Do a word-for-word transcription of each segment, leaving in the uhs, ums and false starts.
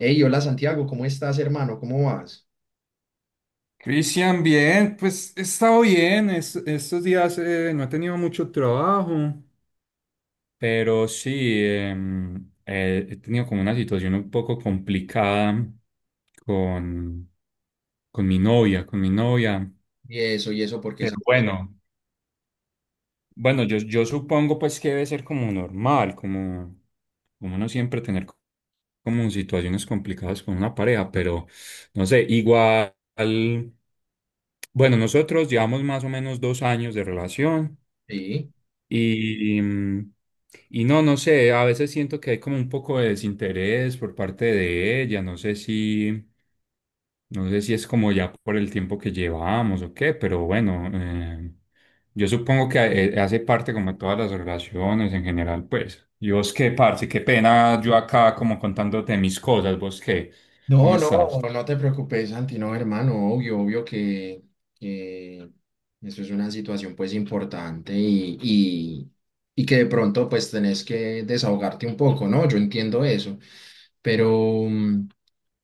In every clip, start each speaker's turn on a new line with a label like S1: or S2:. S1: Hey, hola Santiago, ¿cómo estás, hermano? ¿Cómo vas?
S2: Cristian, bien, pues he estado bien. Es- estos días eh, no he tenido mucho trabajo, pero sí, em, eh, he tenido como una situación un poco complicada con, con mi novia, con mi novia.
S1: ¿Y eso, y eso, porque
S2: Pero
S1: Santiago?
S2: bueno, bueno, yo, yo supongo pues que debe ser como normal, como, como no siempre tener co- como situaciones complicadas con una pareja, pero no sé, igual, bueno, nosotros llevamos más o menos dos años de relación
S1: Sí.
S2: y, mm, y no, no sé, a veces siento que hay como un poco de desinterés por parte de ella, no sé si... No sé si es como ya por el tiempo que llevamos o qué, pero bueno, eh, yo supongo que eh, hace parte como de todas las relaciones en general, pues. ¿Y vos qué, parce? Qué pena yo acá como contándote mis cosas, ¿vos qué?
S1: No,
S2: ¿Cómo
S1: no,
S2: estás?
S1: no te preocupes, Santi, no, hermano, obvio, obvio que, que eso es una situación pues importante y, y, y que de pronto pues tenés que desahogarte un poco, ¿no? Yo entiendo eso, pero, mm,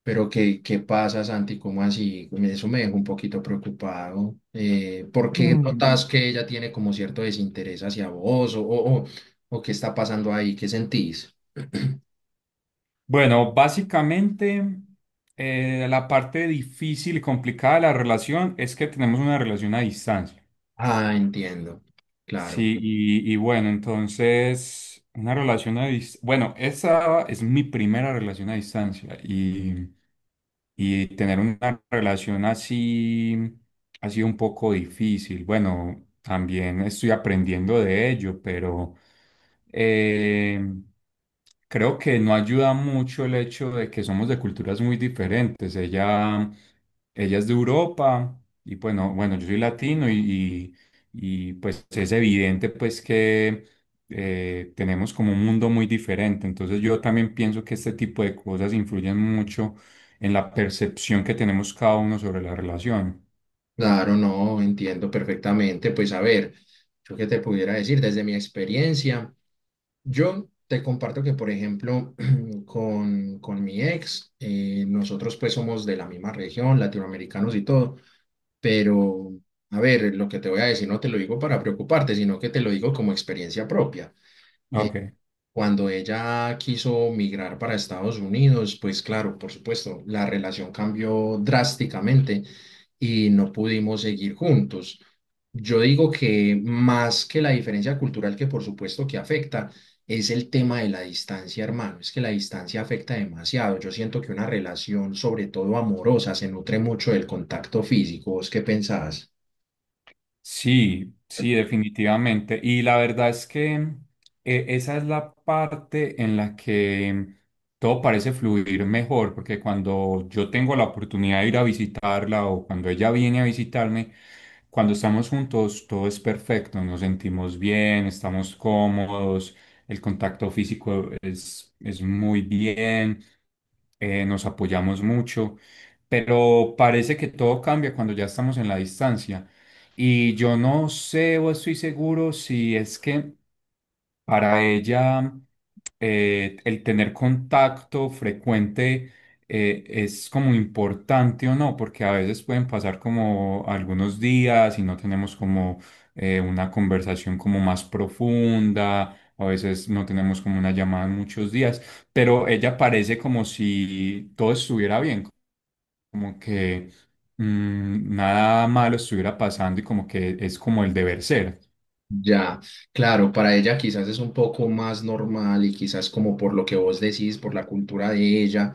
S1: pero ¿qué, qué pasa, Santi? ¿Cómo así? Eso me dejó un poquito preocupado. ¿Eh, por qué
S2: Mm.
S1: notas que ella tiene como cierto desinterés hacia vos o, o, o o qué está pasando ahí? ¿Qué sentís?
S2: Bueno, básicamente eh, la parte difícil y complicada de la relación es que tenemos una relación a distancia.
S1: Ah, entiendo, claro.
S2: Sí, y, y bueno, entonces, una relación a distancia. Bueno, esa es mi primera relación a distancia y, y tener una relación así ha sido un poco difícil. Bueno, también estoy aprendiendo de ello, pero eh, creo que no ayuda mucho el hecho de que somos de culturas muy diferentes. Ella, ella es de Europa y bueno, bueno, yo soy latino y y pues es evidente pues que eh, tenemos como un mundo muy diferente. Entonces yo también pienso que este tipo de cosas influyen mucho en la percepción que tenemos cada uno sobre la relación.
S1: Claro, no, entiendo perfectamente. Pues a ver, yo qué te pudiera decir desde mi experiencia. Yo te comparto que, por ejemplo, con, con mi ex, eh, nosotros pues somos de la misma región, latinoamericanos y todo, pero a ver, lo que te voy a decir no te lo digo para preocuparte, sino que te lo digo como experiencia propia.
S2: Ok.
S1: Cuando ella quiso migrar para Estados Unidos, pues claro, por supuesto, la relación cambió drásticamente y no pudimos seguir juntos. Yo digo que más que la diferencia cultural que por supuesto que afecta, es el tema de la distancia, hermano. Es que la distancia afecta demasiado. Yo siento que una relación, sobre todo amorosa, se nutre mucho del contacto físico. ¿Vos qué pensás?
S2: Sí, sí, definitivamente. Y la verdad es que eh, esa es la parte en la que todo parece fluir mejor, porque cuando yo tengo la oportunidad de ir a visitarla o cuando ella viene a visitarme, cuando estamos juntos todo es perfecto, nos sentimos bien, estamos cómodos, el contacto físico es, es muy bien, eh, nos apoyamos mucho, pero parece que todo cambia cuando ya estamos en la distancia. Y yo no sé o estoy seguro si es que para ella eh, el tener contacto frecuente eh, es como importante o no, porque a veces pueden pasar como algunos días y no tenemos como eh, una conversación como más profunda, a veces no tenemos como una llamada en muchos días, pero ella parece como si todo estuviera bien, como que mm, nada malo estuviera pasando y como que es como el deber ser.
S1: Ya, claro, para ella quizás es un poco más normal y quizás como por lo que vos decís, por la cultura de ella,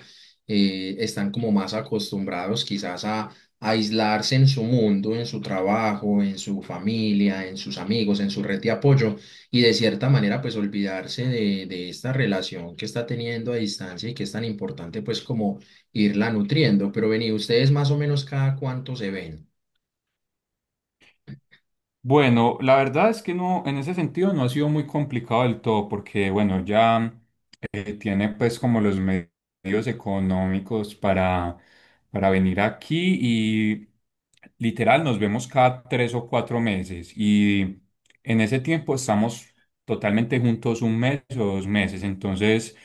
S1: eh, están como más acostumbrados quizás a, a aislarse en su mundo, en su trabajo, en su familia, en sus amigos, en su red de apoyo y de cierta manera pues olvidarse de, de esta relación que está teniendo a distancia y que es tan importante pues como irla nutriendo. Pero vení, ustedes más o menos cada cuánto se ven.
S2: Bueno, la verdad es que no, en ese sentido no ha sido muy complicado del todo, porque bueno, ya eh, tiene pues como los me- medios económicos para, para venir aquí y literal nos vemos cada tres o cuatro meses y en ese tiempo estamos totalmente juntos un mes o dos meses, entonces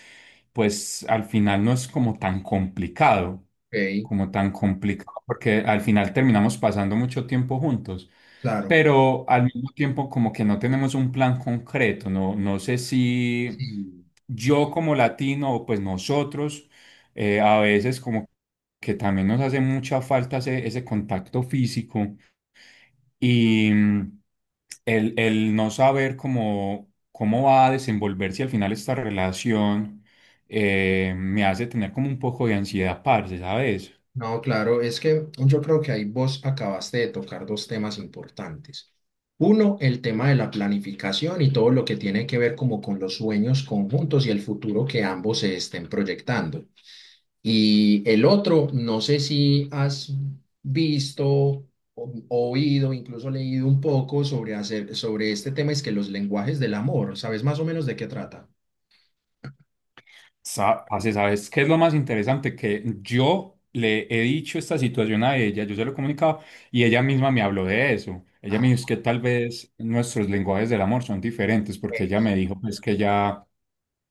S2: pues al final no es como tan complicado,
S1: Ok,
S2: como tan complicado, porque al final terminamos pasando mucho tiempo juntos,
S1: claro.
S2: pero al mismo tiempo como que no tenemos un plan concreto, no, no sé si
S1: Sí.
S2: yo como latino o pues nosotros eh, a veces como que también nos hace mucha falta ese, ese contacto físico y mm, el, el no saber cómo, cómo va a desenvolverse al final esta relación. Eh, me hace tener como un poco de ansiedad, parce, ¿sabes?
S1: No, claro, es que yo creo que ahí vos acabaste de tocar dos temas importantes. Uno, el tema de la planificación y todo lo que tiene que ver como con los sueños conjuntos y el futuro que ambos se estén proyectando. Y el otro, no sé si has visto, o- oído, incluso leído un poco sobre hacer, sobre este tema, es que los lenguajes del amor, ¿sabes más o menos de qué trata?
S2: Sa- parce, ¿sabes qué es lo más interesante? Que yo le he dicho esta situación a ella, yo se lo he comunicado y ella misma me habló de eso. Ella
S1: Ah,
S2: me dijo es que tal vez nuestros lenguajes del amor son diferentes porque ella
S1: eh,
S2: me dijo pues que ella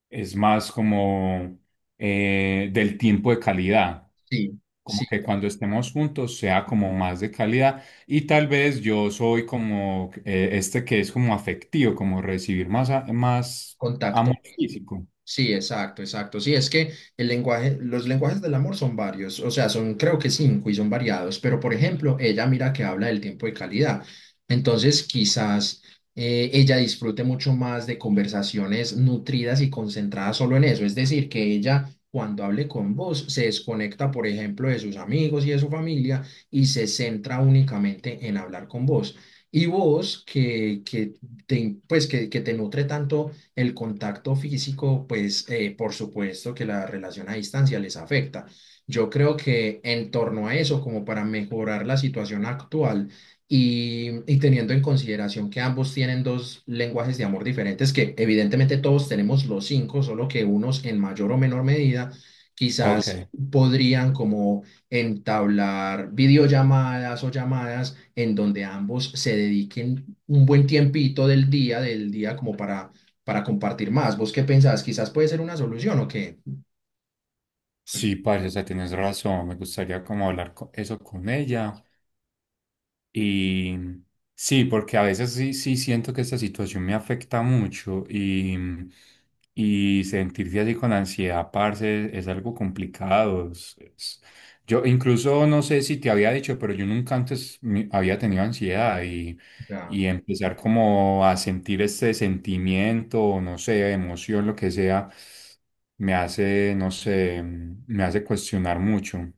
S2: es más como eh, del tiempo de calidad,
S1: sí,
S2: como
S1: sí,
S2: que cuando estemos juntos sea como más de calidad y tal vez yo soy como eh, este que es como afectivo, como recibir más, a- más
S1: contacto.
S2: amor físico.
S1: Sí, exacto, exacto. Sí, es que el lenguaje, los lenguajes del amor son varios, o sea, son creo que cinco y son variados, pero por ejemplo, ella mira que habla del tiempo de calidad. Entonces, quizás eh, ella disfrute mucho más de conversaciones nutridas y concentradas solo en eso. Es decir, que ella cuando hable con vos se desconecta, por ejemplo, de sus amigos y de su familia y se centra únicamente en hablar con vos. Y vos que, que te, pues, que, que te nutre tanto el contacto físico, pues eh, por supuesto que la relación a distancia les afecta. Yo creo que en torno a eso, como para mejorar la situación actual y, y teniendo en consideración que ambos tienen dos lenguajes de amor diferentes, que evidentemente todos tenemos los cinco, solo que unos en mayor o menor medida, quizás
S2: Ok.
S1: podrían como entablar videollamadas o llamadas en donde ambos se dediquen un buen tiempito del día, del día como para para compartir más. ¿Vos qué pensás? Quizás puede ser una solución o qué.
S2: Sí, parce, o sea, tienes razón. Me gustaría como hablar co- eso con ella. Y sí, porque a veces sí, sí siento que esta situación me afecta mucho y, y sentirse así con ansiedad, parce, es algo complicado. es- es- Yo incluso no sé si te había dicho, pero yo nunca antes mi- había tenido ansiedad y,
S1: Ya.
S2: y empezar como a sentir este sentimiento, o no sé, emoción, lo que sea, me hace, no sé, me hace cuestionar mucho.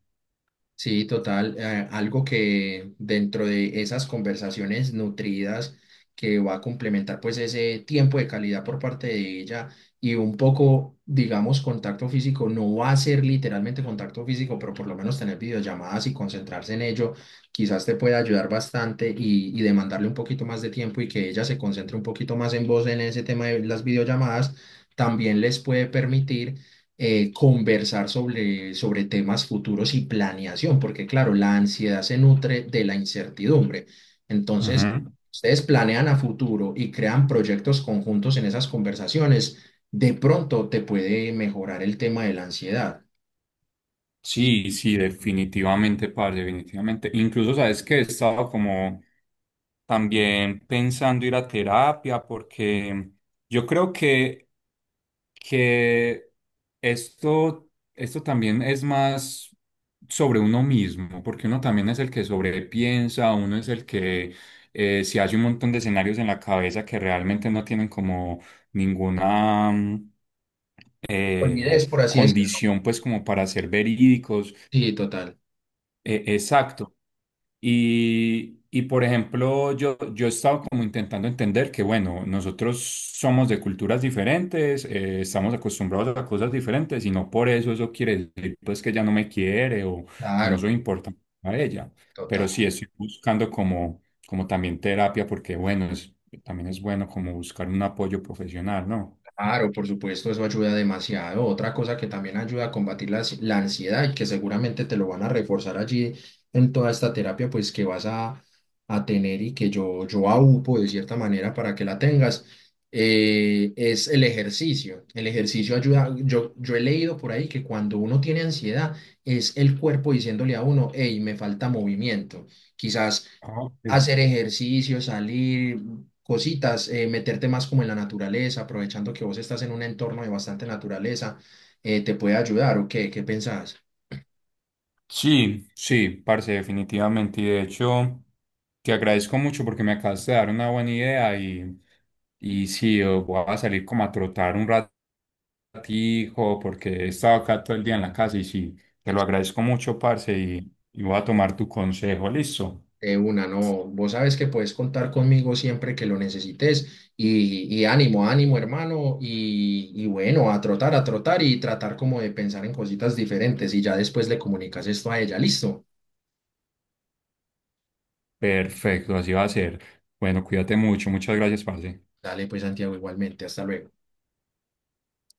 S1: Sí, total. Eh, algo que dentro de esas conversaciones nutridas que va a complementar pues ese tiempo de calidad por parte de ella y un poco, digamos, contacto físico, no va a ser literalmente contacto físico, pero por lo menos tener videollamadas y concentrarse en ello, quizás te puede ayudar bastante y, y demandarle un poquito más de tiempo y que ella se concentre un poquito más en vos en ese tema de las videollamadas, también les puede permitir eh, conversar sobre, sobre temas futuros y planeación, porque claro, la ansiedad se nutre de la incertidumbre. Entonces,
S2: Ujú.
S1: ustedes planean a futuro y crean proyectos conjuntos en esas conversaciones, de pronto te puede mejorar el tema de la ansiedad.
S2: Sí, sí, definitivamente, parce, definitivamente. Incluso, ¿sabes que he estado como también pensando ir a terapia porque yo creo que, que esto, esto también es más sobre uno mismo, porque uno también es el que sobrepiensa, uno es el que eh, se hace un montón de escenarios en la cabeza que realmente no tienen como ninguna eh,
S1: Olvides, por así decirlo.
S2: condición pues como para ser verídicos,
S1: Sí, total.
S2: eh, exacto. Y, y, por ejemplo, yo, yo he estado como intentando entender que bueno, nosotros somos de culturas diferentes, eh, estamos acostumbrados a cosas diferentes y no por eso eso quiere decir pues que ella no me quiere o, o no
S1: Claro,
S2: soy importante para ella. Pero
S1: total.
S2: sí estoy buscando como, como también terapia porque bueno, es, también es bueno como buscar un apoyo profesional, ¿no?
S1: Claro, por supuesto, eso ayuda demasiado. Otra cosa que también ayuda a combatir la, ansi- la ansiedad y que seguramente te lo van a reforzar allí en toda esta terapia, pues que vas a, a tener y que yo, yo aupo de cierta manera para que la tengas, eh, es el ejercicio. El ejercicio ayuda, yo, yo he leído por ahí que cuando uno tiene ansiedad es el cuerpo diciéndole a uno, hey, me falta movimiento. Quizás
S2: Ok.
S1: hacer ejercicio, salir cositas, eh, meterte más como en la naturaleza, aprovechando que vos estás en un entorno de bastante naturaleza, eh, te puede ayudar o qué, ¿qué pensás?
S2: Sí, sí, parce, definitivamente. Y de hecho, te agradezco mucho porque me acabas de dar una buena idea y, y sí, eh, voy a salir como a trotar un ratico porque he estado acá todo el día en la casa y sí, te lo
S1: Ex-
S2: agradezco mucho, parce, y, y voy a tomar tu consejo, listo.
S1: De una, no, vos sabes que puedes contar conmigo siempre que lo necesites y, y ánimo, ánimo hermano y, y bueno, a trotar, a trotar y tratar como de pensar en cositas diferentes y ya después le comunicas esto a ella, listo.
S2: Perfecto, así va a ser. Bueno, cuídate mucho, muchas gracias, parce.
S1: Dale pues Santiago igualmente, hasta luego.